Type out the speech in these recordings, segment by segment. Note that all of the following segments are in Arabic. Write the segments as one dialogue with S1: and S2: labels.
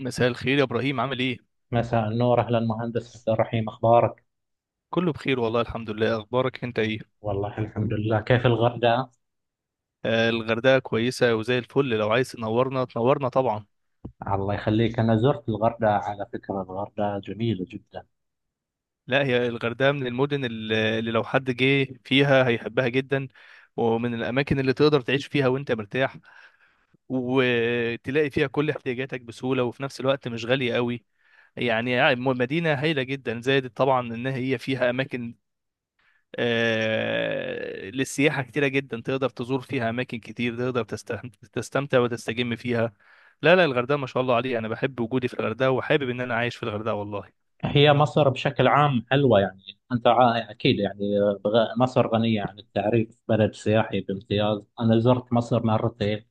S1: مساء الخير يا ابراهيم، عامل ايه؟
S2: مساء النور، أهلا مهندس عبد الرحيم، أخبارك؟
S1: كله بخير والله، الحمد لله. اخبارك انت ايه؟
S2: والله الحمد لله. كيف الغردقة؟
S1: آه، الغردقه كويسه وزي الفل. لو عايز تنورنا، تنورنا طبعا.
S2: الله يخليك. أنا زرت الغردقة، على فكرة الغردقة جميلة جدا.
S1: لا، هي الغردقه من المدن اللي لو حد جه فيها هيحبها جدا، ومن الاماكن اللي تقدر تعيش فيها وانت مرتاح، وتلاقي فيها كل احتياجاتك بسهوله، وفي نفس الوقت مش غاليه قوي. يعني مدينه هايله جدا، زائد طبعا ان هي فيها اماكن للسياحة كتيرة جدا. تقدر تزور فيها أماكن كتير، تقدر تستمتع وتستجم فيها. لا لا، الغردقة ما شاء الله عليها. أنا بحب وجودي في الغردقة وحابب إن أنا عايش في الغردقة والله.
S2: هي مصر بشكل عام حلوة يعني. أنت أكيد يعني. مصر غنية عن التعريف، بلد سياحي بامتياز. أنا زرت مصر مرتين.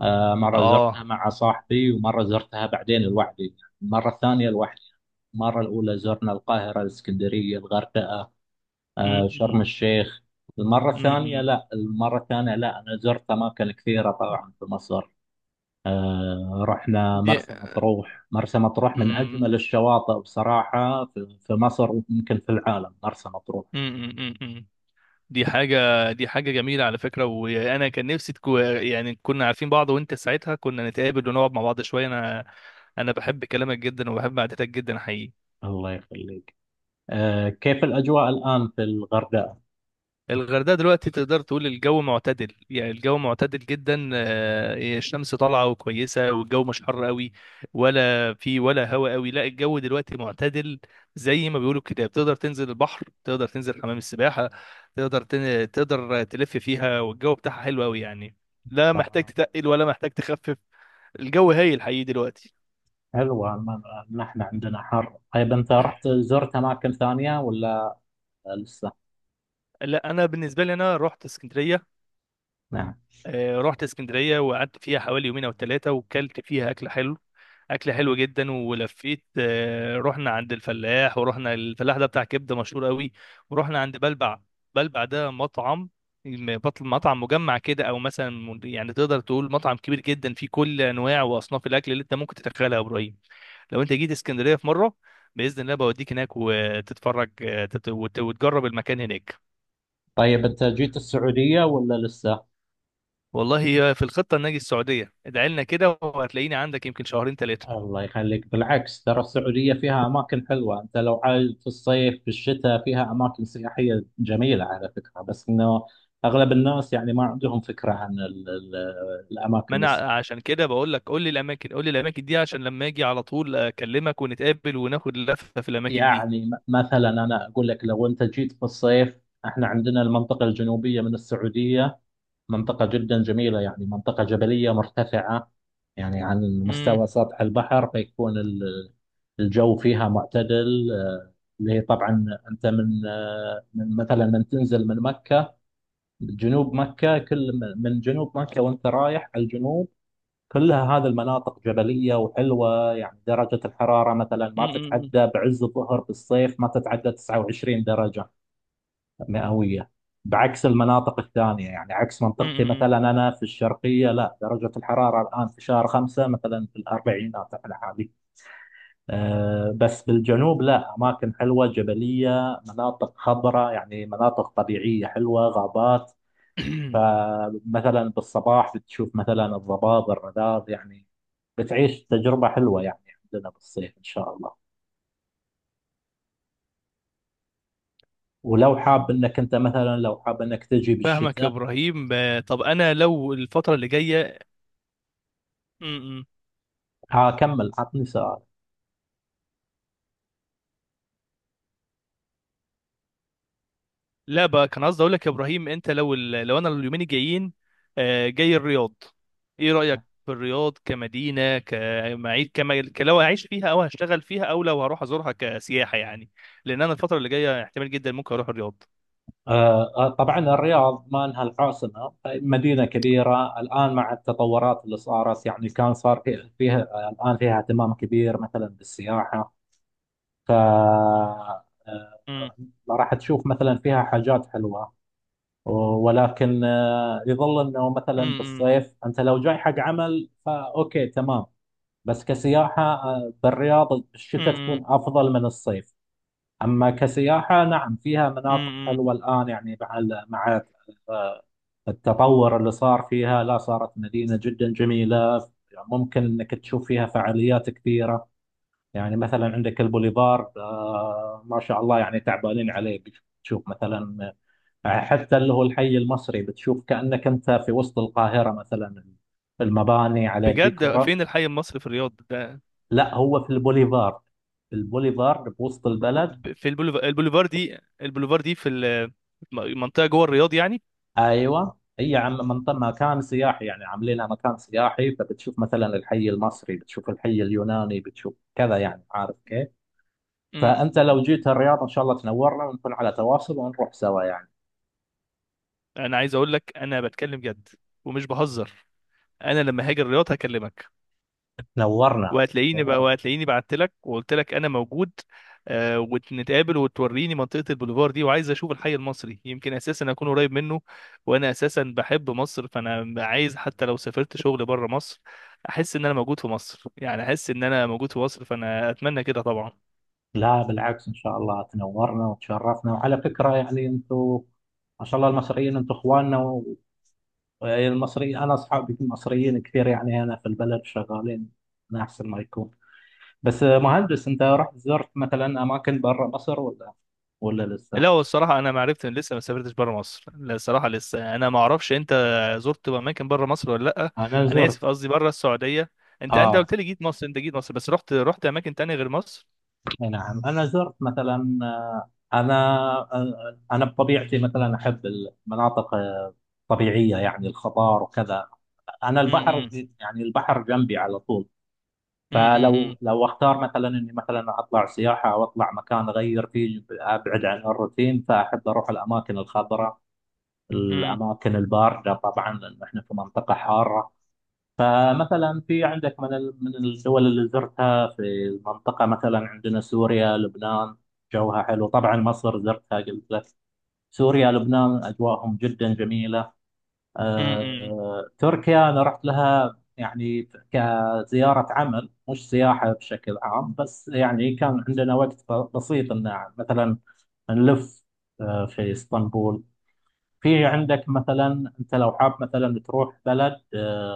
S2: مرة زرتها
S1: آه.
S2: مع صاحبي ومرة زرتها بعدين لوحدي. المرة الثانية لوحدي. المرة الأولى زرنا القاهرة، الإسكندرية، الغردقة،
S1: أمم.
S2: شرم الشيخ. المرة الثانية
S1: أمم.
S2: لا، المرة الثانية لا، أنا زرت أماكن كثيرة طبعا في مصر. رحنا
S1: دي
S2: مرسى مطروح، مرسى مطروح من
S1: أمم.
S2: أجمل الشواطئ بصراحة في مصر ويمكن في العالم، مرسى مطروح.
S1: أمم. أمم. دي حاجة دي حاجة جميلة على فكرة. وأنا كان نفسي يعني كنا عارفين بعض، وأنت ساعتها كنا نتقابل ونقعد مع بعض شوية. أنا بحب كلامك جدا وبحب قعدتك جدا حقيقي.
S2: الله يخليك. كيف الأجواء الآن في الغردقة؟
S1: الغردقة دلوقتي تقدر تقول الجو معتدل، يعني الجو معتدل جدا. الشمس طالعة وكويسة، والجو مش حر قوي، ولا هواء قوي. لا، الجو دلوقتي معتدل زي ما بيقولوا كده. بتقدر تنزل البحر، تقدر تنزل حمام السباحة، تقدر تلف فيها، والجو بتاعها حلو قوي يعني. لا محتاج
S2: تمام.
S1: تتقل ولا محتاج تخفف. الجو هايل حقيقي دلوقتي.
S2: حلوة. نحن عندنا حر. طيب، أنت رحت زرت أماكن ثانية ولا لسه؟
S1: لا، انا بالنسبة لي انا رحت اسكندرية.
S2: نعم.
S1: رحت اسكندريه وقعدت فيها حوالي يومين او ثلاثه، وكلت فيها اكل حلو، اكل حلو جدا ولفيت. رحنا عند الفلاح، ورحنا الفلاح ده بتاع كبده مشهور قوي. ورحنا عند بلبع. بلبع ده مطعم بطل، مطعم مجمع كده، او مثلا يعني تقدر تقول مطعم كبير جدا فيه كل انواع واصناف الاكل اللي انت ممكن تتخيلها يا ابراهيم. لو انت جيت اسكندريه في مره، باذن الله بوديك هناك وتتفرج. وتجرب المكان هناك.
S2: طيب، أنت جيت السعودية ولا لسه؟
S1: والله، هي في الخطة ان اجي السعودية، ادعي لنا كده وهتلاقيني عندك يمكن شهرين ثلاثة.
S2: الله يخليك، بالعكس ترى السعودية فيها أماكن حلوة، أنت لو عايز في الصيف في الشتاء فيها أماكن سياحية جميلة على فكرة، بس إنه أغلب الناس يعني ما عندهم فكرة عن ال
S1: ما
S2: الأماكن
S1: انا
S2: السياحية.
S1: عشان كده بقول لك، قول لي الاماكن دي عشان لما اجي على طول اكلمك ونتقابل وناخد لفة في الاماكن دي.
S2: يعني مثلا أنا أقول لك لو أنت جيت في الصيف، إحنا عندنا المنطقة الجنوبية من السعودية، منطقة جدا جميلة، يعني منطقة جبلية مرتفعة، يعني عن مستوى
S1: امم.
S2: سطح البحر فيكون الجو فيها معتدل. اللي هي طبعا، انت من مثلا من تنزل من مكه، جنوب مكه، كل من جنوب مكه وانت رايح على الجنوب، كلها هذه المناطق جبليه وحلوه، يعني درجه الحراره مثلا ما
S1: امم.
S2: تتعدى بعز الظهر بالصيف، ما تتعدى 29 درجه مئويه. بعكس المناطق الثانيه، يعني عكس منطقتي
S1: امم.
S2: مثلا، انا في الشرقيه، لا درجه الحراره الان في شهر خمسه مثلا في الاربعينات على حالي. بس بالجنوب لا، أماكن حلوة جبلية، مناطق خضراء، يعني مناطق طبيعية حلوة، غابات. فمثلا بالصباح بتشوف مثلا الضباب، الرذاذ، يعني بتعيش تجربة حلوة يعني. عندنا بالصيف إن شاء الله. ولو حاب إنك أنت مثلا، لو حاب إنك تجي
S1: فاهمك يا
S2: بالشتاء.
S1: ابراهيم. طب انا لو الفترة اللي جاية. مم.
S2: هكمل، عطني سؤال.
S1: لا بقى، كان قصدي اقول لك يا ابراهيم، انت لو لو انا اليومين الجايين جاي الرياض. ايه رايك في الرياض كمدينه، كمعيد، لو اعيش فيها او هشتغل فيها او لو هروح ازورها كسياحه يعني. لان انا الفتره اللي جايه احتمال جدا ممكن اروح الرياض.
S2: طبعا الرياض ما انها العاصمه، مدينه كبيره الان مع التطورات اللي صارت، يعني كان صار فيها، الان فيها اهتمام كبير مثلا بالسياحه. ف
S1: امم.
S2: راح تشوف مثلا فيها حاجات حلوه. ولكن يظل انه مثلا
S1: امم.
S2: بالصيف انت لو جاي حق عمل فاوكي تمام، بس كسياحه بالرياض الشتاء
S1: امم.
S2: تكون افضل من الصيف. اما كسياحه، نعم فيها مناطق
S1: امم.
S2: حلوه الان، يعني مع التطور اللي صار فيها لا صارت مدينة جدا جميلة، يعني ممكن انك تشوف فيها فعاليات كثيرة، يعني مثلا عندك البوليفارد ما شاء الله، يعني تعبانين عليه، بتشوف مثلا حتى اللي هو الحي المصري، بتشوف كأنك انت في وسط القاهرة مثلا، المباني على
S1: بجد؟
S2: الديكورة.
S1: فين الحي المصري في الرياض ده؟
S2: لا، هو في البوليفارد، البوليفارد بوسط البلد.
S1: في البوليفار دي. البوليفار دي في المنطقه جوه الرياض يعني.
S2: ايوه، هي عم منطقة مكان سياحي، يعني عاملينها مكان سياحي، فبتشوف مثلا الحي المصري، بتشوف الحي اليوناني، بتشوف كذا، يعني عارف كيف. فانت لو جيت
S1: امم.
S2: الرياض ان شاء الله تنورنا، ونكون على تواصل ونروح سوا يعني.
S1: انا عايز اقول لك انا بتكلم جد ومش بهزر. انا لما هاجي الرياض هكلمك،
S2: نورنا.
S1: وهتلاقيني بقى،
S2: نورنا.
S1: وهتلاقيني بعت لك وقلت لك انا موجود. آه. ونتقابل وتوريني منطقة البوليفار دي، وعايز اشوف الحي المصري، يمكن اساسا اكون قريب منه. وانا اساسا بحب مصر، فانا عايز حتى لو سافرت شغل بره مصر، احس ان انا موجود في مصر. يعني احس ان انا موجود في مصر، فانا اتمنى كده طبعا.
S2: لا بالعكس، ان شاء الله تنورنا وتشرفنا. وعلى فكرة يعني انتم ما شاء الله، المصريين انتم اخواننا، والمصريين انا اصحابي مصريين كثير، يعني هنا في البلد شغالين من احسن ما يكون. بس مهندس، انت رحت زرت مثلا اماكن برا مصر ولا لسه؟
S1: لا، هو الصراحة أنا ما عرفت إن لسه ما سافرتش بره مصر. لا، الصراحة لسه أنا ما أعرفش. أنت زرت أماكن بره مصر ولا لأ؟
S2: انا
S1: أنا
S2: زرت.
S1: آسف، قصدي بره السعودية. أنت
S2: اه.
S1: قلت لي جيت مصر. أنت جيت مصر بس رحت أماكن تانية غير مصر.
S2: اي نعم، انا زرت مثلا، انا، انا بطبيعتي مثلا احب المناطق الطبيعيه، يعني الخضار وكذا. انا البحر،
S1: امم.
S2: يعني البحر جنبي على طول،
S1: امم.
S2: فلو اختار مثلا اني مثلا اطلع سياحه او اطلع مكان اغير فيه ابعد عن الروتين، فاحب اروح الاماكن الخضراء،
S1: امم.
S2: الاماكن البارده، طبعا لان احنا في منطقه حاره. فمثلا في عندك من الدول اللي زرتها في المنطقة، مثلا عندنا سوريا، لبنان، جوها حلو، طبعا مصر زرتها قلت لك. سوريا لبنان أجواءهم جدا جميلة.
S1: امم.
S2: تركيا أنا رحت لها، يعني كزيارة عمل مش سياحة بشكل عام، بس يعني كان عندنا وقت بسيط إن مثلا نلف في اسطنبول. في عندك مثلا أنت لو حاب مثلا تروح بلد، آه،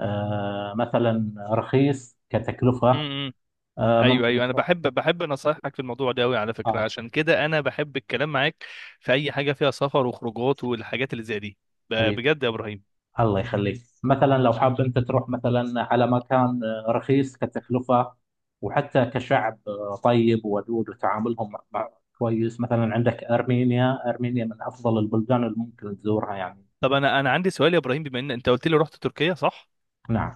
S2: آه مثلا رخيص كتكلفة،
S1: امم. ايوه
S2: ممكن
S1: ايوه، انا
S2: تروح.
S1: بحب نصايحك في الموضوع ده قوي على فكره،
S2: اه،
S1: عشان كده انا بحب الكلام معاك في اي حاجه فيها سفر وخروجات والحاجات اللي زي دي.
S2: حبيبي.
S1: بجد يا ابراهيم.
S2: الله يخليك. مثلا لو حاب انت تروح مثلا على مكان رخيص كتكلفة، وحتى كشعب طيب وودود، وتعاملهم مع كويس، مثلا عندك أرمينيا. أرمينيا من أفضل البلدان اللي ممكن تزورها يعني.
S1: طب انا عندي سؤال يا ابراهيم، بما ان انت قلت لي رحت تركيا صح؟
S2: نعم.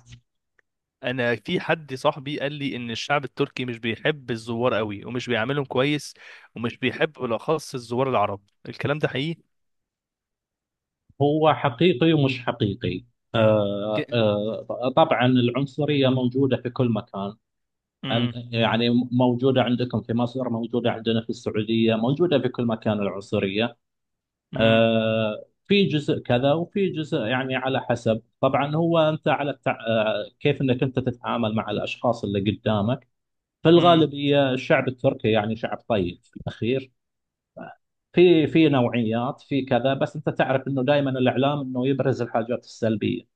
S1: انا في حد صاحبي قال لي ان الشعب التركي مش بيحب الزوار قوي ومش بيعاملهم كويس، ومش بيحب بالاخص الزوار العرب. الكلام ده حقيقي؟
S2: هو حقيقي ومش حقيقي. طبعا العنصرية موجودة في كل مكان.
S1: امم.
S2: يعني موجودة عندكم في مصر، موجودة عندنا في السعودية، موجودة في كل مكان العنصرية.
S1: امم.
S2: في جزء كذا وفي جزء، يعني على حسب طبعا، هو أنت على التع... آه، كيف أنك أنت تتعامل مع الأشخاص اللي قدامك. في
S1: امم.
S2: الغالبية الشعب التركي يعني شعب طيب في الأخير، في نوعيات، في كذا، بس أنت تعرف أنه دائما الإعلام أنه يبرز الحاجات السلبية.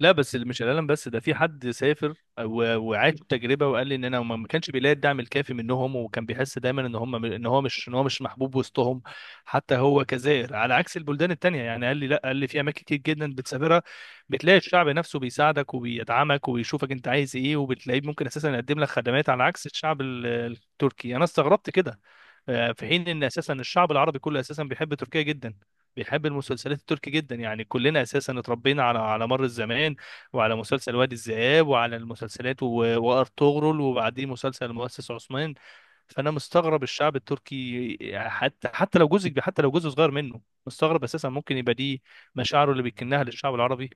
S1: لا بس اللي مش الالم، بس ده في حد سافر وعاش تجربه وقال لي ان انا ما كانش بيلاقي الدعم الكافي منهم، وكان بيحس دايما ان هم، ان هو مش محبوب وسطهم، حتى هو كزائر. على عكس البلدان التانيه يعني، قال لي لا، قال لي في اماكن كتير جدا بتسافرها بتلاقي الشعب نفسه بيساعدك وبيدعمك وبيشوفك انت عايز ايه، وبتلاقيه ممكن اساسا يقدم لك خدمات، على عكس الشعب التركي. انا استغربت كده. في حين ان اساسا الشعب العربي كله اساسا بيحب تركيا جدا، بيحب المسلسلات التركي جدا. يعني كلنا اساسا اتربينا على مر الزمان، وعلى مسلسل وادي الذئاب، وعلى وارطغرل، وبعدين مسلسل المؤسس عثمان. فانا مستغرب الشعب التركي، حتى لو جزء صغير منه، مستغرب اساسا ممكن يبقى دي مشاعره اللي بيكنها للشعب العربي.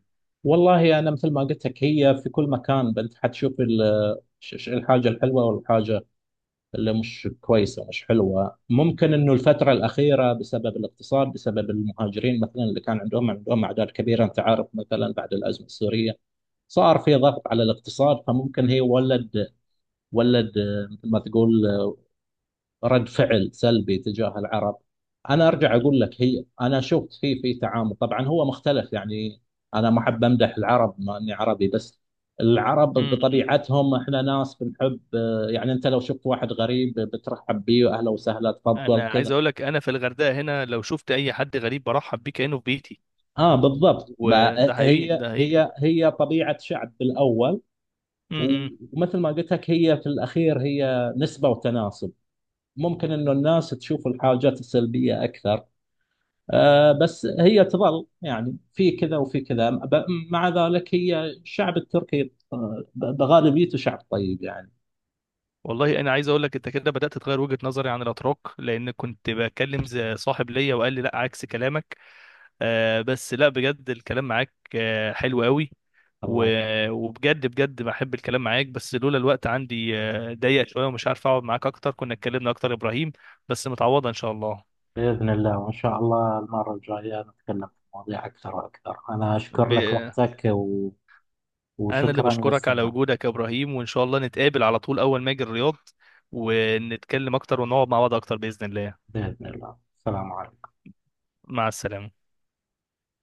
S2: والله أنا مثل ما قلت لك، هي في كل مكان أنت حتشوف الحاجة الحلوة والحاجة اللي مش كويسة مش حلوة. ممكن إنه الفترة الأخيرة بسبب الاقتصاد، بسبب المهاجرين مثلا، اللي كان عندهم أعداد كبيرة، أنت عارف مثلا، بعد الأزمة السورية صار في ضغط على الاقتصاد، فممكن هي ولد، مثل ما تقول، رد فعل سلبي تجاه العرب. انا ارجع اقول لك، هي انا شفت في تعامل، طبعا هو مختلف يعني، انا ما احب امدح العرب ما اني عربي، بس العرب
S1: امم.
S2: بطبيعتهم احنا ناس بنحب، يعني انت لو شفت واحد غريب بترحب بيه، اهلا وسهلا، تفضل
S1: انا عايز
S2: كذا.
S1: اقول لك انا في الغردقه هنا لو شفت اي حد غريب برحب بيه كانه في بيتي.
S2: اه، بالضبط بقى،
S1: وده حقيقي،
S2: هي
S1: ده
S2: طبيعة شعب بالاول.
S1: حقيقي.
S2: ومثل ما قلت لك هي في الاخير هي نسبة وتناسب، ممكن انه الناس تشوف الحاجات السلبية اكثر. بس هي تظل يعني في كذا وفي كذا، مع ذلك هي الشعب التركي، بغالبيته شعب طيب يعني.
S1: والله انا عايز اقول لك، انت كده بدات تغير وجهه نظري عن الاتراك، لان كنت بكلم زي صاحب ليا وقال لي لا عكس كلامك. آه، بس لا، بجد الكلام معاك حلو قوي،
S2: الله يخليك.
S1: وبجد بجد بحب الكلام معاك. بس لولا الوقت عندي ضيق شويه ومش عارف اقعد معاك اكتر، كنا اتكلمنا اكتر يا ابراهيم. بس متعوضه ان شاء الله.
S2: بإذن الله، وإن شاء الله المرة الجاية نتكلم في مواضيع أكثر وأكثر. أنا
S1: ب...
S2: أشكر لك وقتك
S1: انا اللي
S2: وشكرا
S1: بشكرك على
S2: للاستماع.
S1: وجودك يا ابراهيم، وان شاء الله نتقابل على طول اول ما اجي الرياض، ونتكلم اكتر ونقعد مع بعض اكتر باذن الله.
S2: بإذن الله، السلام عليكم.
S1: مع السلامه.